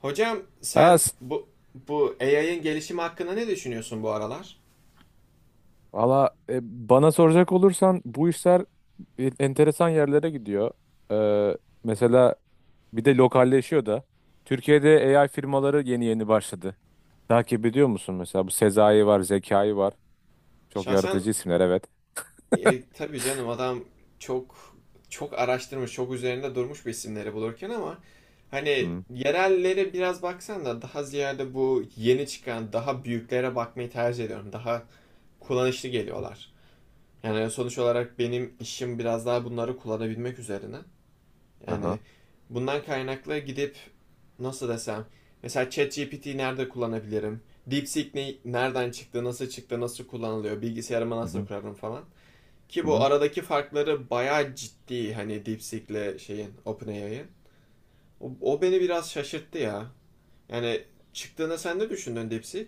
Hocam Ha, sen s- bu AI'ın gelişimi hakkında ne düşünüyorsun bu aralar? valla e, Bana soracak olursan bu işler enteresan yerlere gidiyor. Ee, mesela bir de lokalleşiyor da. Türkiye'de AI firmaları yeni yeni başladı. Takip ediyor musun mesela? Bu Sezai var, Zekai var. Çok Şahsen yaratıcı isimler, evet. Tabii canım adam çok çok araştırmış, çok üzerinde durmuş bu isimleri bulurken ama hani Hı, yerellere biraz baksan da daha ziyade bu yeni çıkan daha büyüklere bakmayı tercih ediyorum. Daha kullanışlı geliyorlar. Yani sonuç olarak benim işim biraz daha bunları kullanabilmek üzerine. Yani aha, bundan kaynaklı gidip nasıl desem mesela ChatGPT'yi nerede kullanabilirim? DeepSeek ne, nereden çıktı, nasıl çıktı, nasıl kullanılıyor, bilgisayarıma hı nasıl hı, kurarım falan. Ki hı bu hı. aradaki farkları bayağı ciddi hani DeepSeek'le şeyin OpenAI'ın. O beni biraz şaşırttı ya. Yani çıktığını sen de düşündün DeepSeek.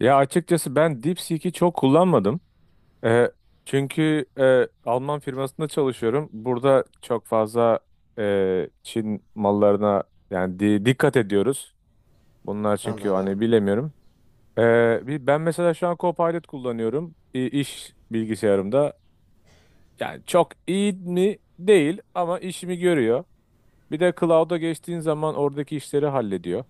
Ya açıkçası ben DeepSeek'i çok kullanmadım. Ee, çünkü Alman firmasında çalışıyorum. Burada çok fazla Çin mallarına yani dikkat ediyoruz. Bunlar çünkü hani Anladım. bilemiyorum. Bir- ben mesela şu an Copilot kullanıyorum iş bilgisayarımda. Yani çok iyi mi? Değil, ama işimi görüyor. Bir de cloud'a geçtiğin zaman oradaki işleri hallediyor.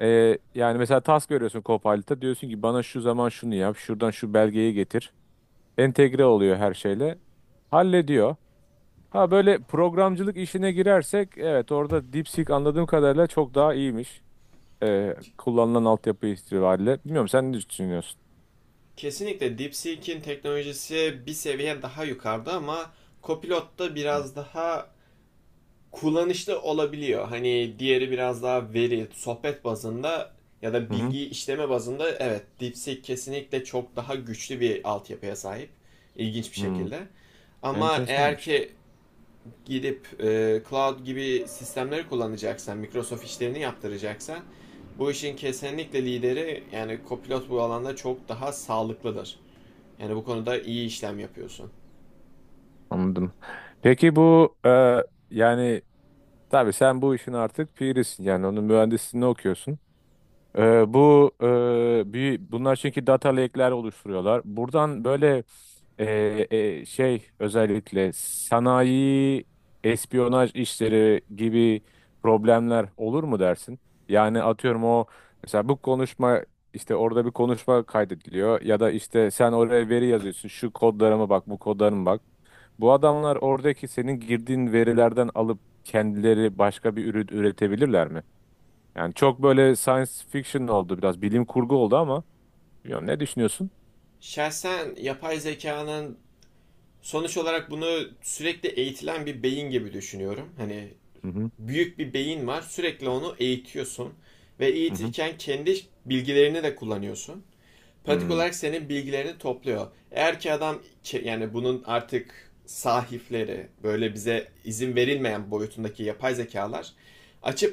Yani mesela task veriyorsun Copilot'a, diyorsun ki bana şu zaman şunu yap, şuradan şu belgeyi getir. Entegre oluyor her şeyle. Hallediyor. Ha, böyle programcılık işine girersek evet, orada DeepSeek anladığım kadarıyla çok daha iyiymiş. E, kullanılan altyapı itibariyle. Bilmiyorum, sen ne düşünüyorsun? Kesinlikle DeepSeek'in teknolojisi bir seviye daha yukarıda ama Copilot da Hı biraz daha kullanışlı olabiliyor. Hani diğeri biraz daha veri, sohbet bazında ya da hı. Hı. bilgi işleme bazında evet DeepSeek kesinlikle çok daha güçlü bir altyapıya sahip. İlginç bir Hmm. şekilde. Ama eğer Enteresanmış. ki gidip cloud gibi sistemleri kullanacaksan, Microsoft işlerini yaptıracaksan bu işin kesinlikle lideri yani Copilot bu alanda çok daha sağlıklıdır. Yani bu konuda iyi işlem yapıyorsun. Anladım. Peki bu yani tabii sen bu işin artık pirisin. Yani onun mühendisliğini okuyorsun. E, bu e, bir, bunlar çünkü data lake'ler oluşturuyorlar. Buradan böyle şey, özellikle sanayi, espiyonaj işleri gibi problemler olur mu dersin? Yani atıyorum, o mesela bu konuşma, işte orada bir konuşma kaydediliyor ya da işte sen oraya veri yazıyorsun, şu kodlarıma bak, bu kodlarıma bak. Bu adamlar oradaki senin girdiğin verilerden alıp kendileri başka bir ürün üretebilirler mi? Yani çok böyle science fiction oldu, biraz bilim kurgu oldu, ama bilmiyorum, ne düşünüyorsun? Şahsen yapay zekanın sonuç olarak bunu sürekli eğitilen bir beyin gibi düşünüyorum. Hani Hı hı, büyük bir beyin var. Sürekli onu eğitiyorsun ve hı hı. eğitirken kendi bilgilerini de kullanıyorsun, pratik Hmm, olarak senin bilgilerini topluyor. Eğer ki adam yani bunun artık sahipleri böyle bize izin verilmeyen boyutundaki yapay zekalar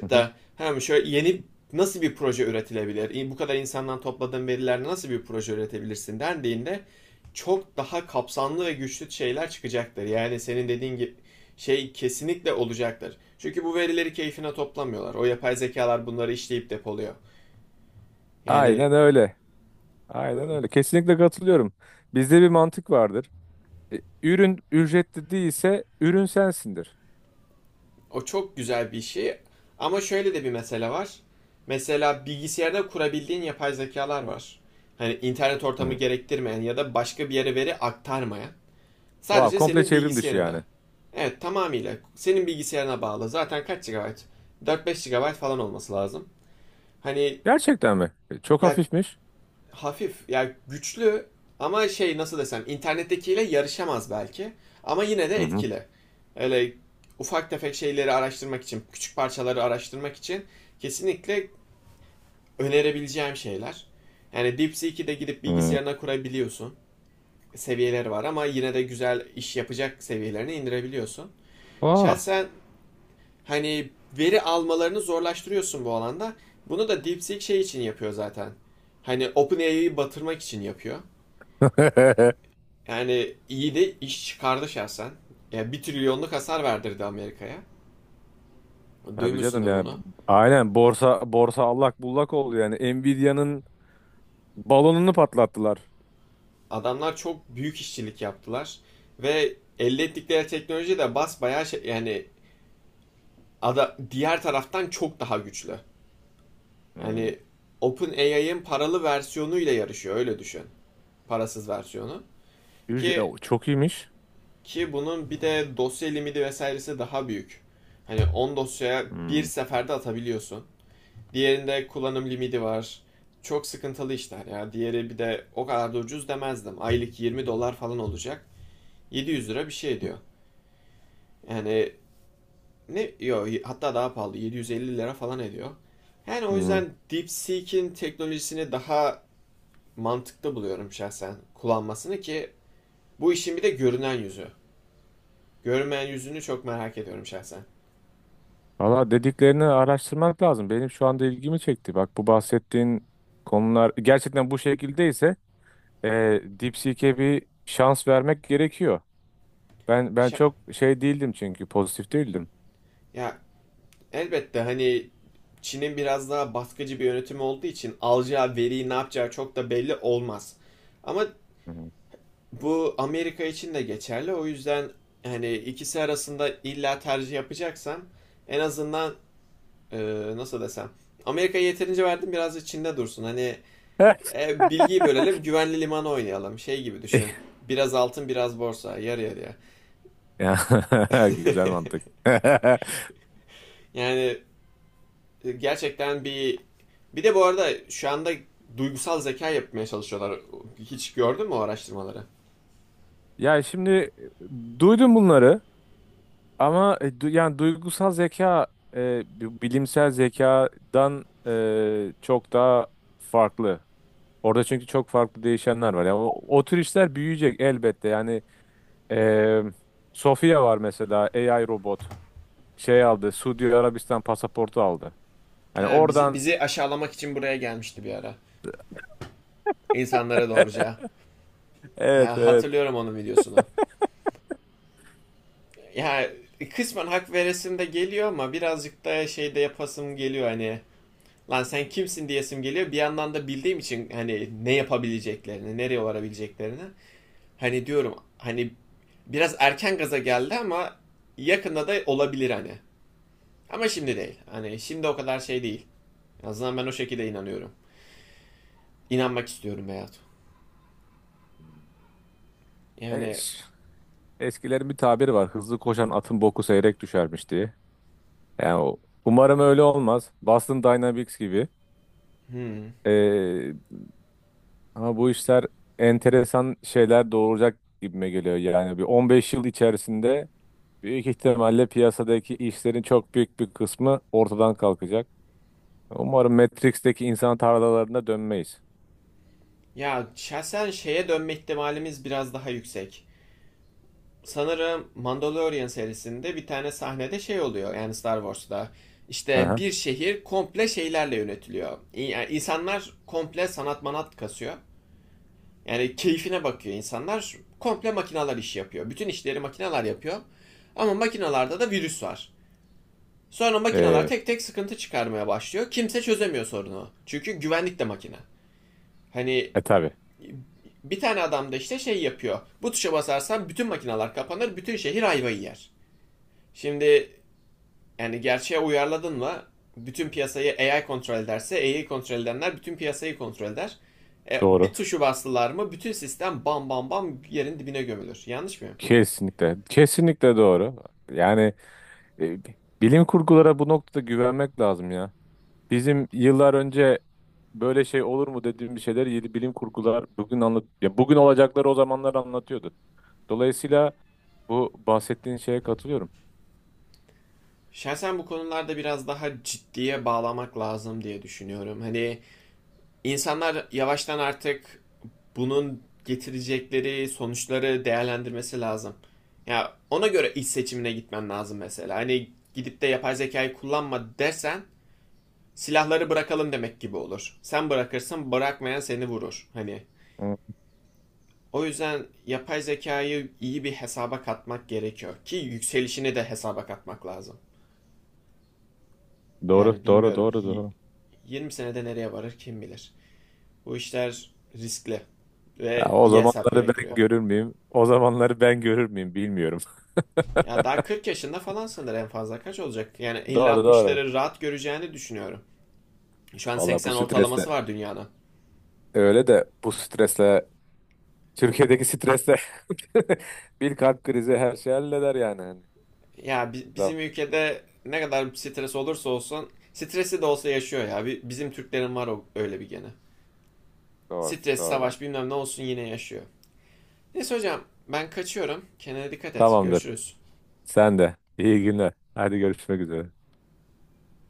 hı hı. da hem şöyle yeni nasıl bir proje üretilebilir? Bu kadar insandan topladığın verilerle nasıl bir proje üretebilirsin dendiğinde çok daha kapsamlı ve güçlü şeyler çıkacaktır. Yani senin dediğin gibi şey kesinlikle olacaktır. Çünkü bu verileri keyfine toplamıyorlar. O yapay zekalar bunları işleyip depoluyor. Yani Aynen öyle. Aynen öyle, kesinlikle katılıyorum. Bizde bir mantık vardır. E, Ürün ücretli değilse ürün sensindir. o çok güzel bir şey. Ama şöyle de bir mesele var. Mesela bilgisayarda kurabildiğin yapay zekalar var. Hani internet ortamı Hı. gerektirmeyen ya da başka bir yere veri aktarmayan. Vay, Sadece komple senin çevrim dışı bilgisayarında. yani. Evet, tamamıyla senin bilgisayarına bağlı. Zaten kaç GB? 4-5 GB falan olması lazım. Hani Gerçekten mi? E, Çok ya hafifmiş. hafif yani güçlü ama şey nasıl desem internettekiyle yarışamaz belki ama yine de Hı hı. etkili. Öyle ufak tefek şeyleri araştırmak için, küçük parçaları araştırmak için kesinlikle önerebileceğim şeyler. Yani DeepSeek'i de gidip Hı. bilgisayarına kurabiliyorsun. Seviyeleri var ama yine de güzel iş yapacak seviyelerine indirebiliyorsun. Vay. Şahsen hani veri almalarını zorlaştırıyorsun bu alanda. Bunu da DeepSeek şey için yapıyor zaten. Hani OpenAI'yi batırmak için yapıyor. Yani iyi de iş çıkardı şahsen. Ya 1 trilyonluk hasar verdirdi Amerika'ya. Tabii canım Duymuşsundur yani. Bu- bunu. Aynen, borsa allak bullak oldu yani. Nvidia'nın balonunu patlattılar. Adamlar çok büyük işçilik yaptılar ve elde ettikleri teknoloji de basbayağı şey, yani ada, diğer taraftan çok daha güçlü. Hı. Yani OpenAI'ın paralı versiyonuyla yarışıyor öyle düşün. Parasız versiyonu. Ücre- e, Ki o Çok iyiymiş. ki bunun bir de dosya limiti vesairesi daha büyük. Hani 10 dosyaya bir Hı. seferde atabiliyorsun. Diğerinde kullanım limiti var. Çok sıkıntılı işler ya. Diğeri bir de o kadar da ucuz demezdim. Aylık 20 dolar falan olacak. 700 lira bir şey ediyor. Yani ne yo, hatta daha pahalı, 750 lira falan ediyor. Yani o Hı. yüzden DeepSeek'in teknolojisini daha mantıklı buluyorum şahsen kullanmasını ki bu işin bir de görünen yüzü. Görünmeyen yüzünü çok merak ediyorum şahsen. Valla, dediklerini araştırmak lazım. Benim şu anda ilgimi çekti. Bak, bu bahsettiğin konular gerçekten bu şekildeyse e, DeepSeek'e bir şans vermek gerekiyor. Ben Şa- çok şey değildim, çünkü pozitif değildim. ya, elbette hani Çin'in biraz daha baskıcı bir yönetimi olduğu için alacağı veriyi ne yapacağı çok da belli olmaz. Ama Hı hı. bu Amerika için de geçerli. O yüzden hani ikisi arasında illa tercih yapacaksam en azından e, nasıl desem Amerika'ya yeterince verdim biraz da Çin'de dursun. Hani bilgiyi bölelim, güvenli liman oynayalım şey gibi Eh. düşün. Biraz altın biraz borsa yarı yarıya. Ya, güzel mantık. Yani gerçekten bir, bir de bu arada şu anda duygusal zeka yapmaya çalışıyorlar. Hiç gördün mü o araştırmaları? Ya şimdi duydum bunları, ama yani duygusal zeka, bilimsel zekadan çok daha farklı. Orada çünkü çok farklı değişenler var. Yani o tür işler büyüyecek elbette. Eee Sofia var mesela, AI robot. Şey aldı, Suudi Arabistan pasaportu aldı. Yani Ha, bizi, oradan bizi aşağılamak için buraya gelmişti bir ara. İnsanlara doğruca. evet Ha, evet. hatırlıyorum onun videosunu. Ya kısmen hak veresim de geliyor ama birazcık da şey de yapasım geliyor hani. Lan sen kimsin diyesim geliyor. Bir yandan da bildiğim için hani ne yapabileceklerini, nereye varabileceklerini. Hani diyorum hani biraz erken gaza geldi ama yakında da olabilir hani. Ama şimdi değil. Hani şimdi o kadar şey değil. En azından ben o şekilde inanıyorum. İnanmak istiyorum Beyat. E, Yani ş- eskilerin bir tabiri var. Hızlı koşan atın boku seyrek düşermiş diye. Yani o- umarım öyle olmaz. Boston Dynamics gibi. Ee, ama bu işler enteresan şeyler doğuracak gibime geliyor. Yani bir 15 yıl içerisinde büyük ihtimalle piyasadaki işlerin çok büyük bir kısmı ortadan kalkacak. Umarım Matrix'teki insan tarlalarına dönmeyiz. ya şahsen şeye dönme ihtimalimiz biraz daha yüksek. Sanırım Mandalorian serisinde bir tane sahnede şey oluyor yani Star Wars'ta. Hı İşte hı. bir şehir komple şeylerle yönetiliyor. Yani insanlar komple sanat manat kasıyor. Yani keyfine bakıyor insanlar. Komple makineler iş yapıyor. Bütün işleri makineler yapıyor. Ama makinalarda da virüs var. Sonra makineler Ee, tek tek sıkıntı çıkarmaya başlıyor. Kimse çözemiyor sorunu. Çünkü güvenlik de makine. Hani e tabii bir tane adam da işte şey yapıyor. Bu tuşa basarsan bütün makineler kapanır, bütün şehir ayvayı yer. Şimdi yani gerçeğe uyarladın mı? Bütün piyasayı AI kontrol ederse AI kontrol edenler bütün piyasayı kontrol eder. Doğru. Bir tuşu bastılar mı bütün sistem bam bam bam yerin dibine gömülür. Yanlış mı? Kesinlikle. Kesinlikle doğru. Yani e, bilim kurgulara bu noktada güvenmek lazım ya. Bizim yıllar önce böyle şey olur mu dediğimiz şeyler, yeni bilim kurgular bugün anlat ya, bugün olacakları o zamanlar anlatıyordu. Dolayısıyla bu bahsettiğin şeye katılıyorum. Şahsen bu konularda biraz daha ciddiye bağlamak lazım diye düşünüyorum. Hani İnsanlar yavaştan artık bunun getirecekleri sonuçları değerlendirmesi lazım. Ya ona göre iş seçimine gitmen lazım mesela. Hani gidip de yapay zekayı kullanma dersen silahları bırakalım demek gibi olur. Sen bırakırsın, bırakmayan seni vurur. Hani Hı. o yüzden yapay zekayı iyi bir hesaba katmak gerekiyor ki yükselişini de hesaba katmak lazım. Doğru, Yani doğru, bilmiyorum doğru, doğru. 20 senede nereye varır kim bilir. Bu işler riskli Ya, ve o iyi hesap zamanları ben gerektiriyor. görür müyüm? O zamanları ben görür müyüm, bilmiyorum. Ya daha 40 yaşında falan sanır en fazla kaç olacak? Yani Doğru, doğru. 50-60'ları rahat göreceğini düşünüyorum. Şu an Valla, 80 bu stresle, ortalaması var dünyanın. öyle de bu stresle, Türkiye'deki stresle, bir kalp krizi her şey halleder yani, hani. Ya Doğru, bizim ülkede ne kadar stres olursa olsun stresi de olsa yaşıyor ya. Bizim Türklerin var o öyle bir gene. doğru, Stres, doğru bak. savaş bilmem ne olsun yine yaşıyor. Neyse hocam ben kaçıyorum. Kendine dikkat et. Tamamdır. Görüşürüz. Sen de. İyi günler. Hadi, görüşmek üzere.